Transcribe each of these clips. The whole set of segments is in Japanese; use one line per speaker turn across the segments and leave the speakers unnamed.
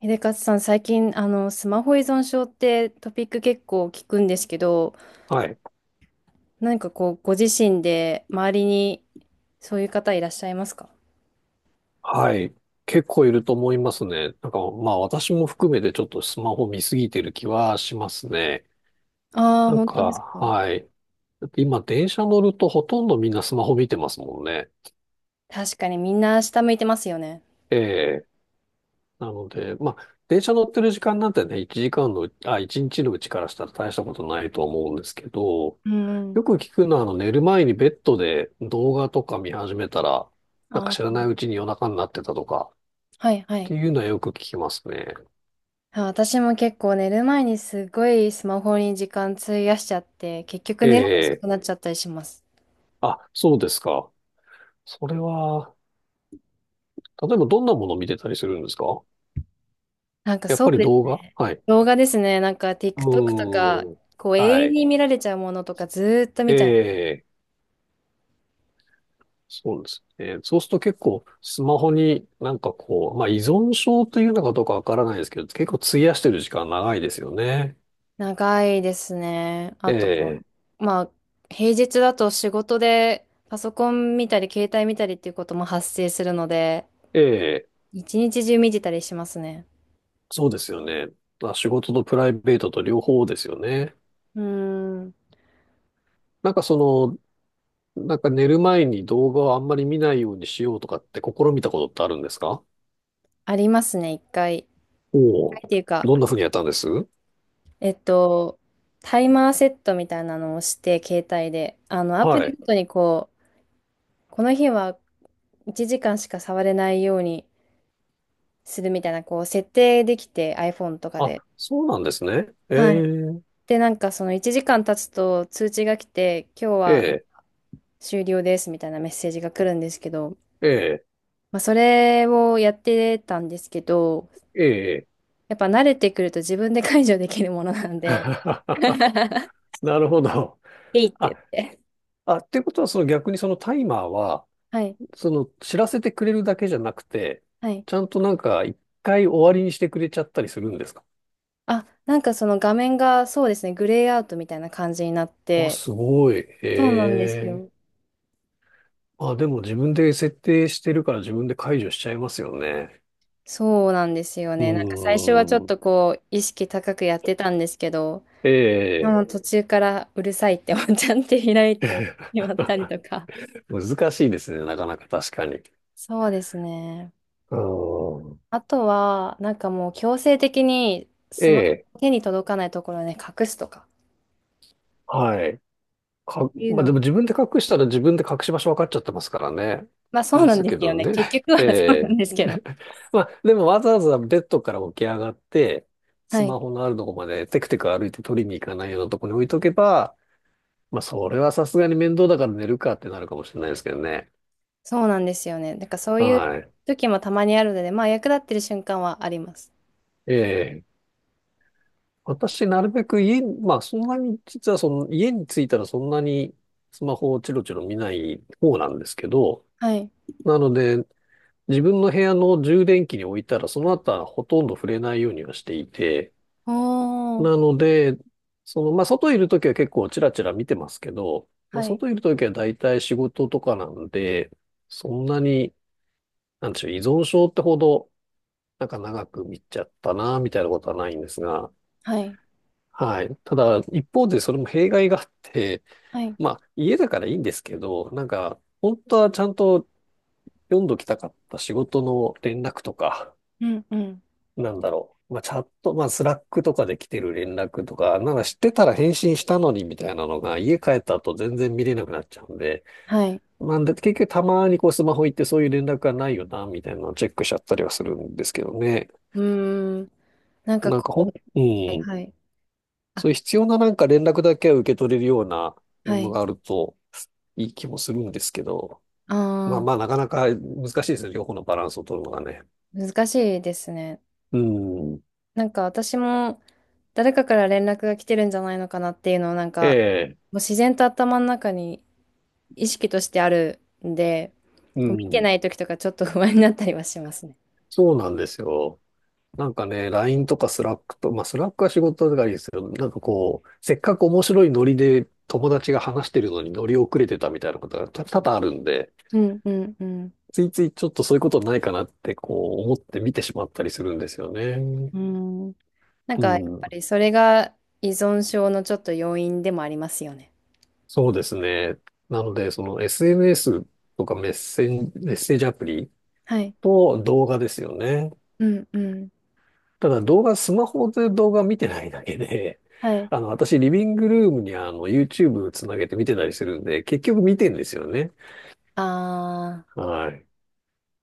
秀勝さん、最近、スマホ依存症ってトピック結構聞くんですけど、
はい。
何かこう、ご自身で周りにそういう方いらっしゃいますか？
はい。結構いると思いますね。まあ私も含めてちょっとスマホ見すぎてる気はしますね。
ああー、
なん
本当で
か、
すか。
はい。だって今電車乗るとほとんどみんなスマホ見てますもんね。
確かにみんな下向いてますよね。
ええ。なので、まあ電車乗ってる時間なんてね、1日のうちからしたら大したことないと思うんですけど、
うんうん。
よく聞くのは寝る前にベッドで動画とか見始めたら、
あ
知ら
ー、
ないうちに夜中になってたとかっ
はいは
て
い。
いうのはよく聞きますね。
あ、私も結構寝る前にすごいスマホに時間費やしちゃって、結局寝るの遅
ええ、
くなっちゃったりします。
あ、そうですか。それは、例えばどんなものを見てたりするんですか？
なんか
やっ
そう
ぱり
で
動
す
画。
ね。
はい。
動画ですね。なんか
う
TikTok と
ー
か、
ん。
こう永
は
遠
い。
に見られちゃうものとかずーっと
え
見ちゃい。
え、そうですね。そうすると結構スマホにまあ依存症というのかどうかわからないですけど、結構費やしてる時間長いですよね。
長いですね。あと、
え
まあ、平日だと仕事でパソコン見たり、携帯見たりっていうことも発生するので、
え、ええ、
一日中見てたりしますね。
そうですよね。まあ、仕事とプライベートと両方ですよね。
うーん、
なんかその、なんか寝る前に動画をあんまり見ないようにしようとかって試みたことってあるんですか？
ありますね、一回。一
お
回
お、
っていうか、
どんな風にやったんです？
えっと、タイマーセットみたいなのをして、携帯で、アプ
は
リ
い。
ごとにこう、この日は1時間しか触れないようにするみたいな、こう、設定できて、iPhone とか
あ、
で。
そうなんですね。え
はい。
ー、
で、なんかその1時間経つと通知が来て、今日は
え
終了ですみたいなメッセージが来るんですけど、
ー、え
まあそれをやってたんですけど、
ー、え
やっぱ慣れてくると自分で解除できるものなんで、
ー。なるほど。
えいって
あ、
言って。
あ、っていうことは、その逆にそのタイマーは、
はい、
その知らせてくれるだけじゃなくて、
はい。
ちゃんと一回終わりにしてくれちゃったりするんですか？
あ、なんかその画面がそうですね、グレーアウトみたいな感じになっ
あ、
て、
すごい。
そうなんです
ええ。
よ。
あ、でも自分で設定してるから自分で解除しちゃいますよね。
そうなんですよ
う
ね。なんか最初はちょっ
ーん。
とこう、意識高くやってたんですけど、もう
え
途中からうるさいってワンちゃんって開いて
え。
しまったりとか。
難しいですね、なかなか確かに。
そうですね。
うん。
あとは、なんかもう強制的に
え
スマ
え、
ホ手に届かないところで隠すとか
はい。か、
っていう
まあ、
の
でも
も、
自分で隠したら自分で隠し場所分かっちゃってますからね。
まあそう
で
なん
す
です
けど
よね。
ね。
結局
え
は そうなん
え。
ですけ ど。
まあ、でもわざわざベッドから起き上がって、
は
ス
い。
マホのあるとこまでテクテク歩いて取りに行かないようなとこに置いとけば、まあ、それはさすがに面倒だから寝るかってなるかもしれないですけどね。
そうなんですよね。なんかそういう
はい。
時もたまにあるので、まあ役立ってる瞬間はあります。
ええ。私、なるべく家に、まあ、そんなに、実はその、家に着いたらそんなにスマホをチロチロ見ない方なんですけど、
はい。
なので、自分の部屋の充電器に置いたら、その後はほとんど触れないようにはしていて、
おー。
なので、まあ、外いるときは結構チラチラ見てますけど、まあ、
はい。
外いるときは大体仕事とかなんで、そんなに、なんでしょう、依存症ってほど、なんか長く見ちゃったな、みたいなことはないんですが、
はい。
はい。ただ、一方でそれも弊害があって、
はい。
まあ、家だからいいんですけど、なんか、本当はちゃんと読んどきたかった仕事の連絡とか、
うんうん。
なんだろう。まあ、チャット、まあ、スラックとかで来てる連絡とか、なんか知ってたら返信したのにみたいなのが、家帰った後全然見れなくなっちゃうんで、
はい。
なんで、結局たまにこうスマホ行ってそういう連絡がないよな、みたいなのをチェックしちゃったりはするんですけどね。
うーん。なんか
なん
こ
かほ
う、
ん、う
はい
ん。
はい。あ、
そういう必要な連絡だけは受け取れるようなも
は
の
い。
があると、いい気もするんですけど、
あ
まあまあ、
あ。
なかなか難しいですね。両方のバランスを取るのがね。
難しいですね。
うん。
なんか私も誰かから連絡が来てるんじゃないのかなっていうのをなん
え
かも
え、
う自然と頭の中に意識としてあるんで、
う
こう見て
ん。
ない時とかちょっと不安になったりはしますね。
そうなんですよ。なんかね、LINE とかスラックと、まあスラックは仕事だからいいですけど、なんかこう、せっかく面白いノリで友達が話してるのに乗り遅れてたみたいなことが多々あるんで、
うんうんうん。
ついついちょっとそういうことないかなってこう思って見てしまったりするんですよね。
うん。なん
う
かやっぱ
ん。
りそれが依存症のちょっと要因でもありますよね。
そうですね。なので、その SNS とかメッセージアプリ
はい。
と動画ですよね。
うんうん。
ただ動画、スマホで動画見てないだけで、
はい。あ
あの、私、リビングルームにあの、YouTube つなげて見てたりするんで、結局見てんですよね。
あ。
はい。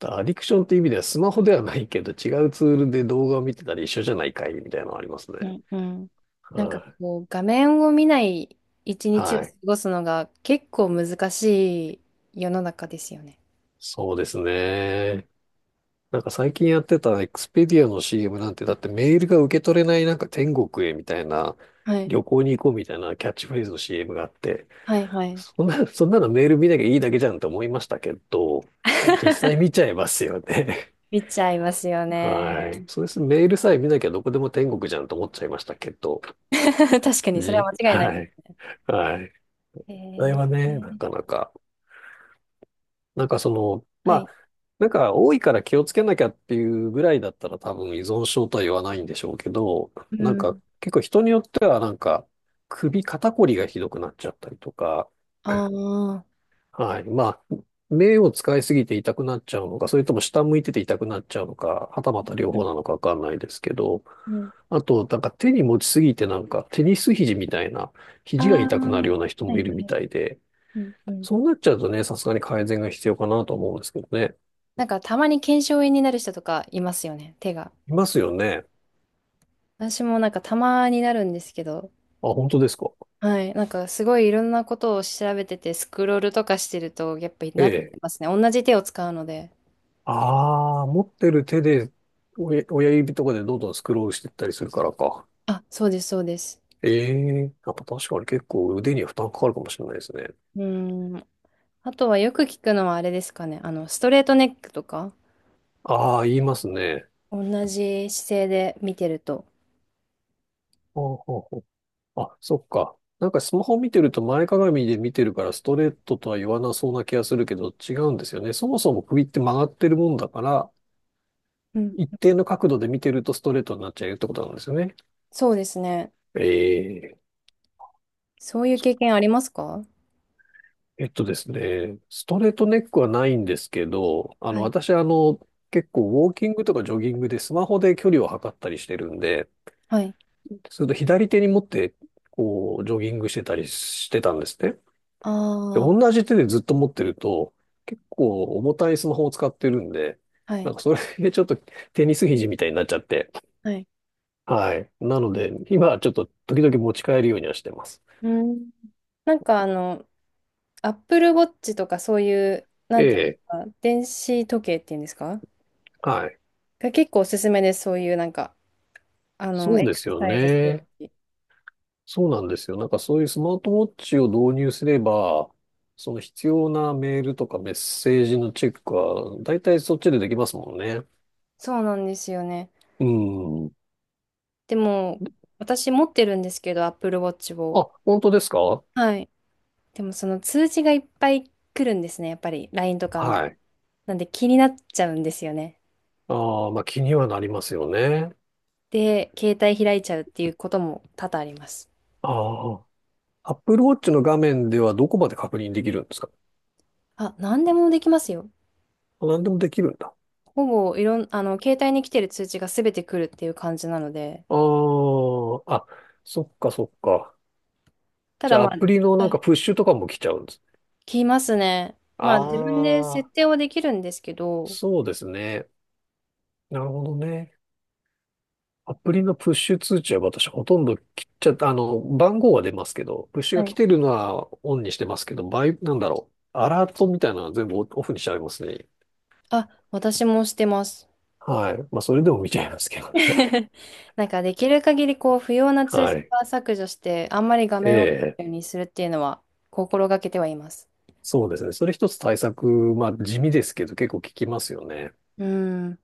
アディクションっていう意味では、スマホではないけど、違うツールで動画を見てたら一緒じゃないかいみたいなのありますね。
うんうん。なんか
は
こう、画面を見ない一
い。
日を
は
過
い。
ごすのが結構難しい世の中ですよね。
そうですね。なんか最近やってたエクスペディアの CM なんて、だってメールが受け取れないなんか天国へみたいな、
はい。
旅行に行こうみたいなキャッチフレーズの CM があって、
はいはい。
そんな、そんなのメール見なきゃいいだけじゃんと思いましたけど、でも実際見ち ゃいますよね。
見ちゃいますよ
はい。
ね。
そうです。メールさえ見なきゃどこでも天国じゃんと思っちゃいましたけど、
確かに、それは
じ、
間違いないで
は
す
い。はい。あれ
ね。
は
えー、
ね、なかなか、なんかその、ま
は
あ、
い。
なんか多いから気をつけなきゃっていうぐらいだったら多分依存症とは言わないんでしょうけど、
うん。
結構人によっては首肩こりがひどくなっちゃったりとか、
ああ。
はい。まあ、目を使いすぎて痛くなっちゃうのか、それとも下向いてて痛くなっちゃうのか、はたまた両
う
方
ん
なのかわかんないですけど、
うん。
あと、なんか手に持ちすぎてなんかテニス肘みたいな、
あ
肘が痛くなる
あ。
ような人
は
もい
い
る
は
み
い。
たいで、
うんうん。
そうなっちゃうとね、さすがに改善が必要かなと思うんですけどね。
なんか、たまに腱鞘炎になる人とかいますよね、手が。
いますよね。
私もなんかたまになるんですけど、
あ、本当ですか。
はい。なんかすごいいろんなことを調べてて、スクロールとかしてると、やっぱり
え
なって
え。
ますね。同じ手を使うので。
ああ、持ってる手で親指とかでどんどんスクロールしていったりするからか。
あ、そうです、そうです。
ええ。やっぱ確かに結構腕には負担かかるかもしれないですね。
うーん。あとはよく聞くのはあれですかね。ストレートネックとか、
ああ、言いますね。
同じ姿勢で見てると。
ほうほうほう。あ、そっか。なんかスマホ見てると前かがみで見てるからストレートとは言わなそうな気がするけど違うんですよね。そもそも首って曲がってるもんだから、
うん。
一定の角度で見てるとストレートになっちゃうってことなんですよね。
そうですね。
ええ。
そういう経験ありますか？
えっとですね、ストレートネックはないんですけど、
はい。
私結構ウォーキングとかジョギングでスマホで距離を測ったりしてるんで、
はい。
それと左手に持って、こう、ジョギングしてたりしてたんですね。
あ
で、
あ、
同じ手でずっと持ってると、結構重たいスマホを使ってるんで、
は
なん
い。
かそれでちょっとテニス肘みたいになっちゃって。
はい。
はい。なので、今はちょっと時々持ち帰るようにはしてます。
うん。なんかApple Watch とかそういう、な
え
んていうんで
え。
すか、電子時計っていうんですか、
はい。
が結構おすすめです。そういうなんか、
そう
エ
で
クサ
すよ
サイズする
ね。
し。
そうなんですよ。なんかそういうスマートウォッチを導入すれば、その必要なメールとかメッセージのチェックは、だいたいそっちでできますもんね。
そうなんですよね。
うん。
でも、私持ってるんですけど、Apple Watch を。
あ、本当ですか？
はい。でも、その通知がいっぱい来るんですね、やっぱり、LINE とかの。
はい。
なんで気になっちゃうんですよね。
ああ、まあ気にはなりますよね。
で、携帯開いちゃうっていうことも多々あります。
ああ。Apple Watch の画面ではどこまで確認できるんですか？
あ、何でもできますよ。
あ、何でもできるんだ。
ほぼ、いろん、携帯に来てる通知が全て来るっていう感じなので。
ああ。あ、そっかそっか。
た
じ
だ、
ゃあ
ま
アプリの
あ、
な
は
んか
い、
プッシュとかも来ちゃうんです。
来ますね。まあ、自分で
あ
設
あ、
定はできるんですけど、
そうですね。なるほどね。アプリのプッシュ通知は私ほとんど切っちゃった。あの、番号は出ますけど、プッシュ
は
が
い、
来てるのはオンにしてますけど、なんだろう。アラートみたいなのは全部オオフにしちゃいますね。
あ、私もしてます。
はい。まあ、それでも見ちゃいますけどね。
なんかできる限りこう不要な 通
は
知
い。
は削除して、あんまり画面を
ええ、
見るようにするっていうのは心がけてはいます。
そうですね。それ一つ対策、まあ地味ですけど結構効きますよね。
うん、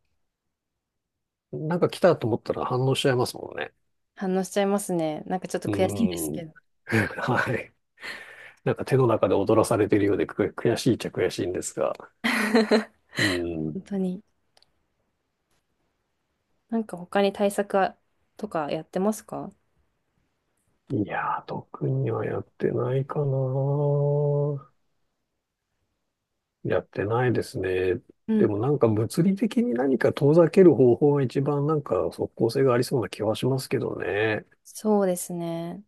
なんか来たと思ったら反応しちゃいますもんね。
反応しちゃいますね。なんかちょっと
う
悔しいです
ー
け
ん。
ど。
はい。なんか手の中で踊らされてるようで悔しいっちゃ悔しいんですが。うーん。
本当に。なんか他に対策はとかやってますか？
いやー、特にはやってないかな。やってないですね。
う
で
ん。
もなんか物理的に何か遠ざける方法が一番なんか即効性がありそうな気はしますけどね。
そうですね。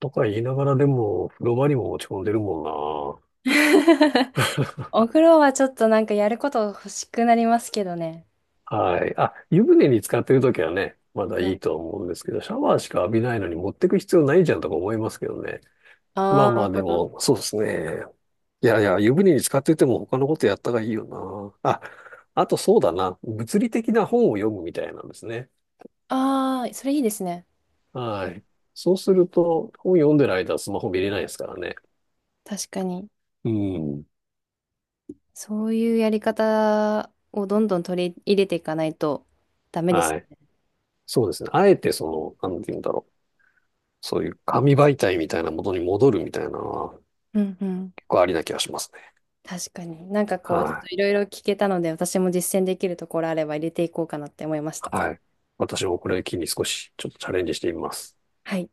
とか言いながらでも風呂場にも持ち込んでるもんな。
お風呂はちょっとなんかやること欲しくなりますけどね。
はい。あ、湯船に使ってるときはね、まだ
は
いい
い。
と思うんですけど、シャワーしか浴びないのに持ってく必要ないじゃんとか思いますけどね。ま
あ
あまあ、で
あ、
も、そうですね。いやいや、湯船に使ってても他のことやった方がいいよな。あ、あとそうだな。物理的な本を読むみたいなんですね。
ああ、それいいですね。
はい。そうすると、本読んでる間はスマホ見れないですからね。
確かに。
うん。
そういうやり方をどんどん取り入れていかないとダメです。
はい。そうですね。あえてなんて言うんだろう。そういう紙媒体みたいなものに戻るみたいなのは
うんうん。
結構ありな気がしますね。
確かに。なんかこう、ちょっ
は
と
い。
いろいろ聞けたので、私も実践できるところあれば入れていこうかなって思いました。
はい。私もこれを機に少しちょっとチャレンジしてみます。
はい。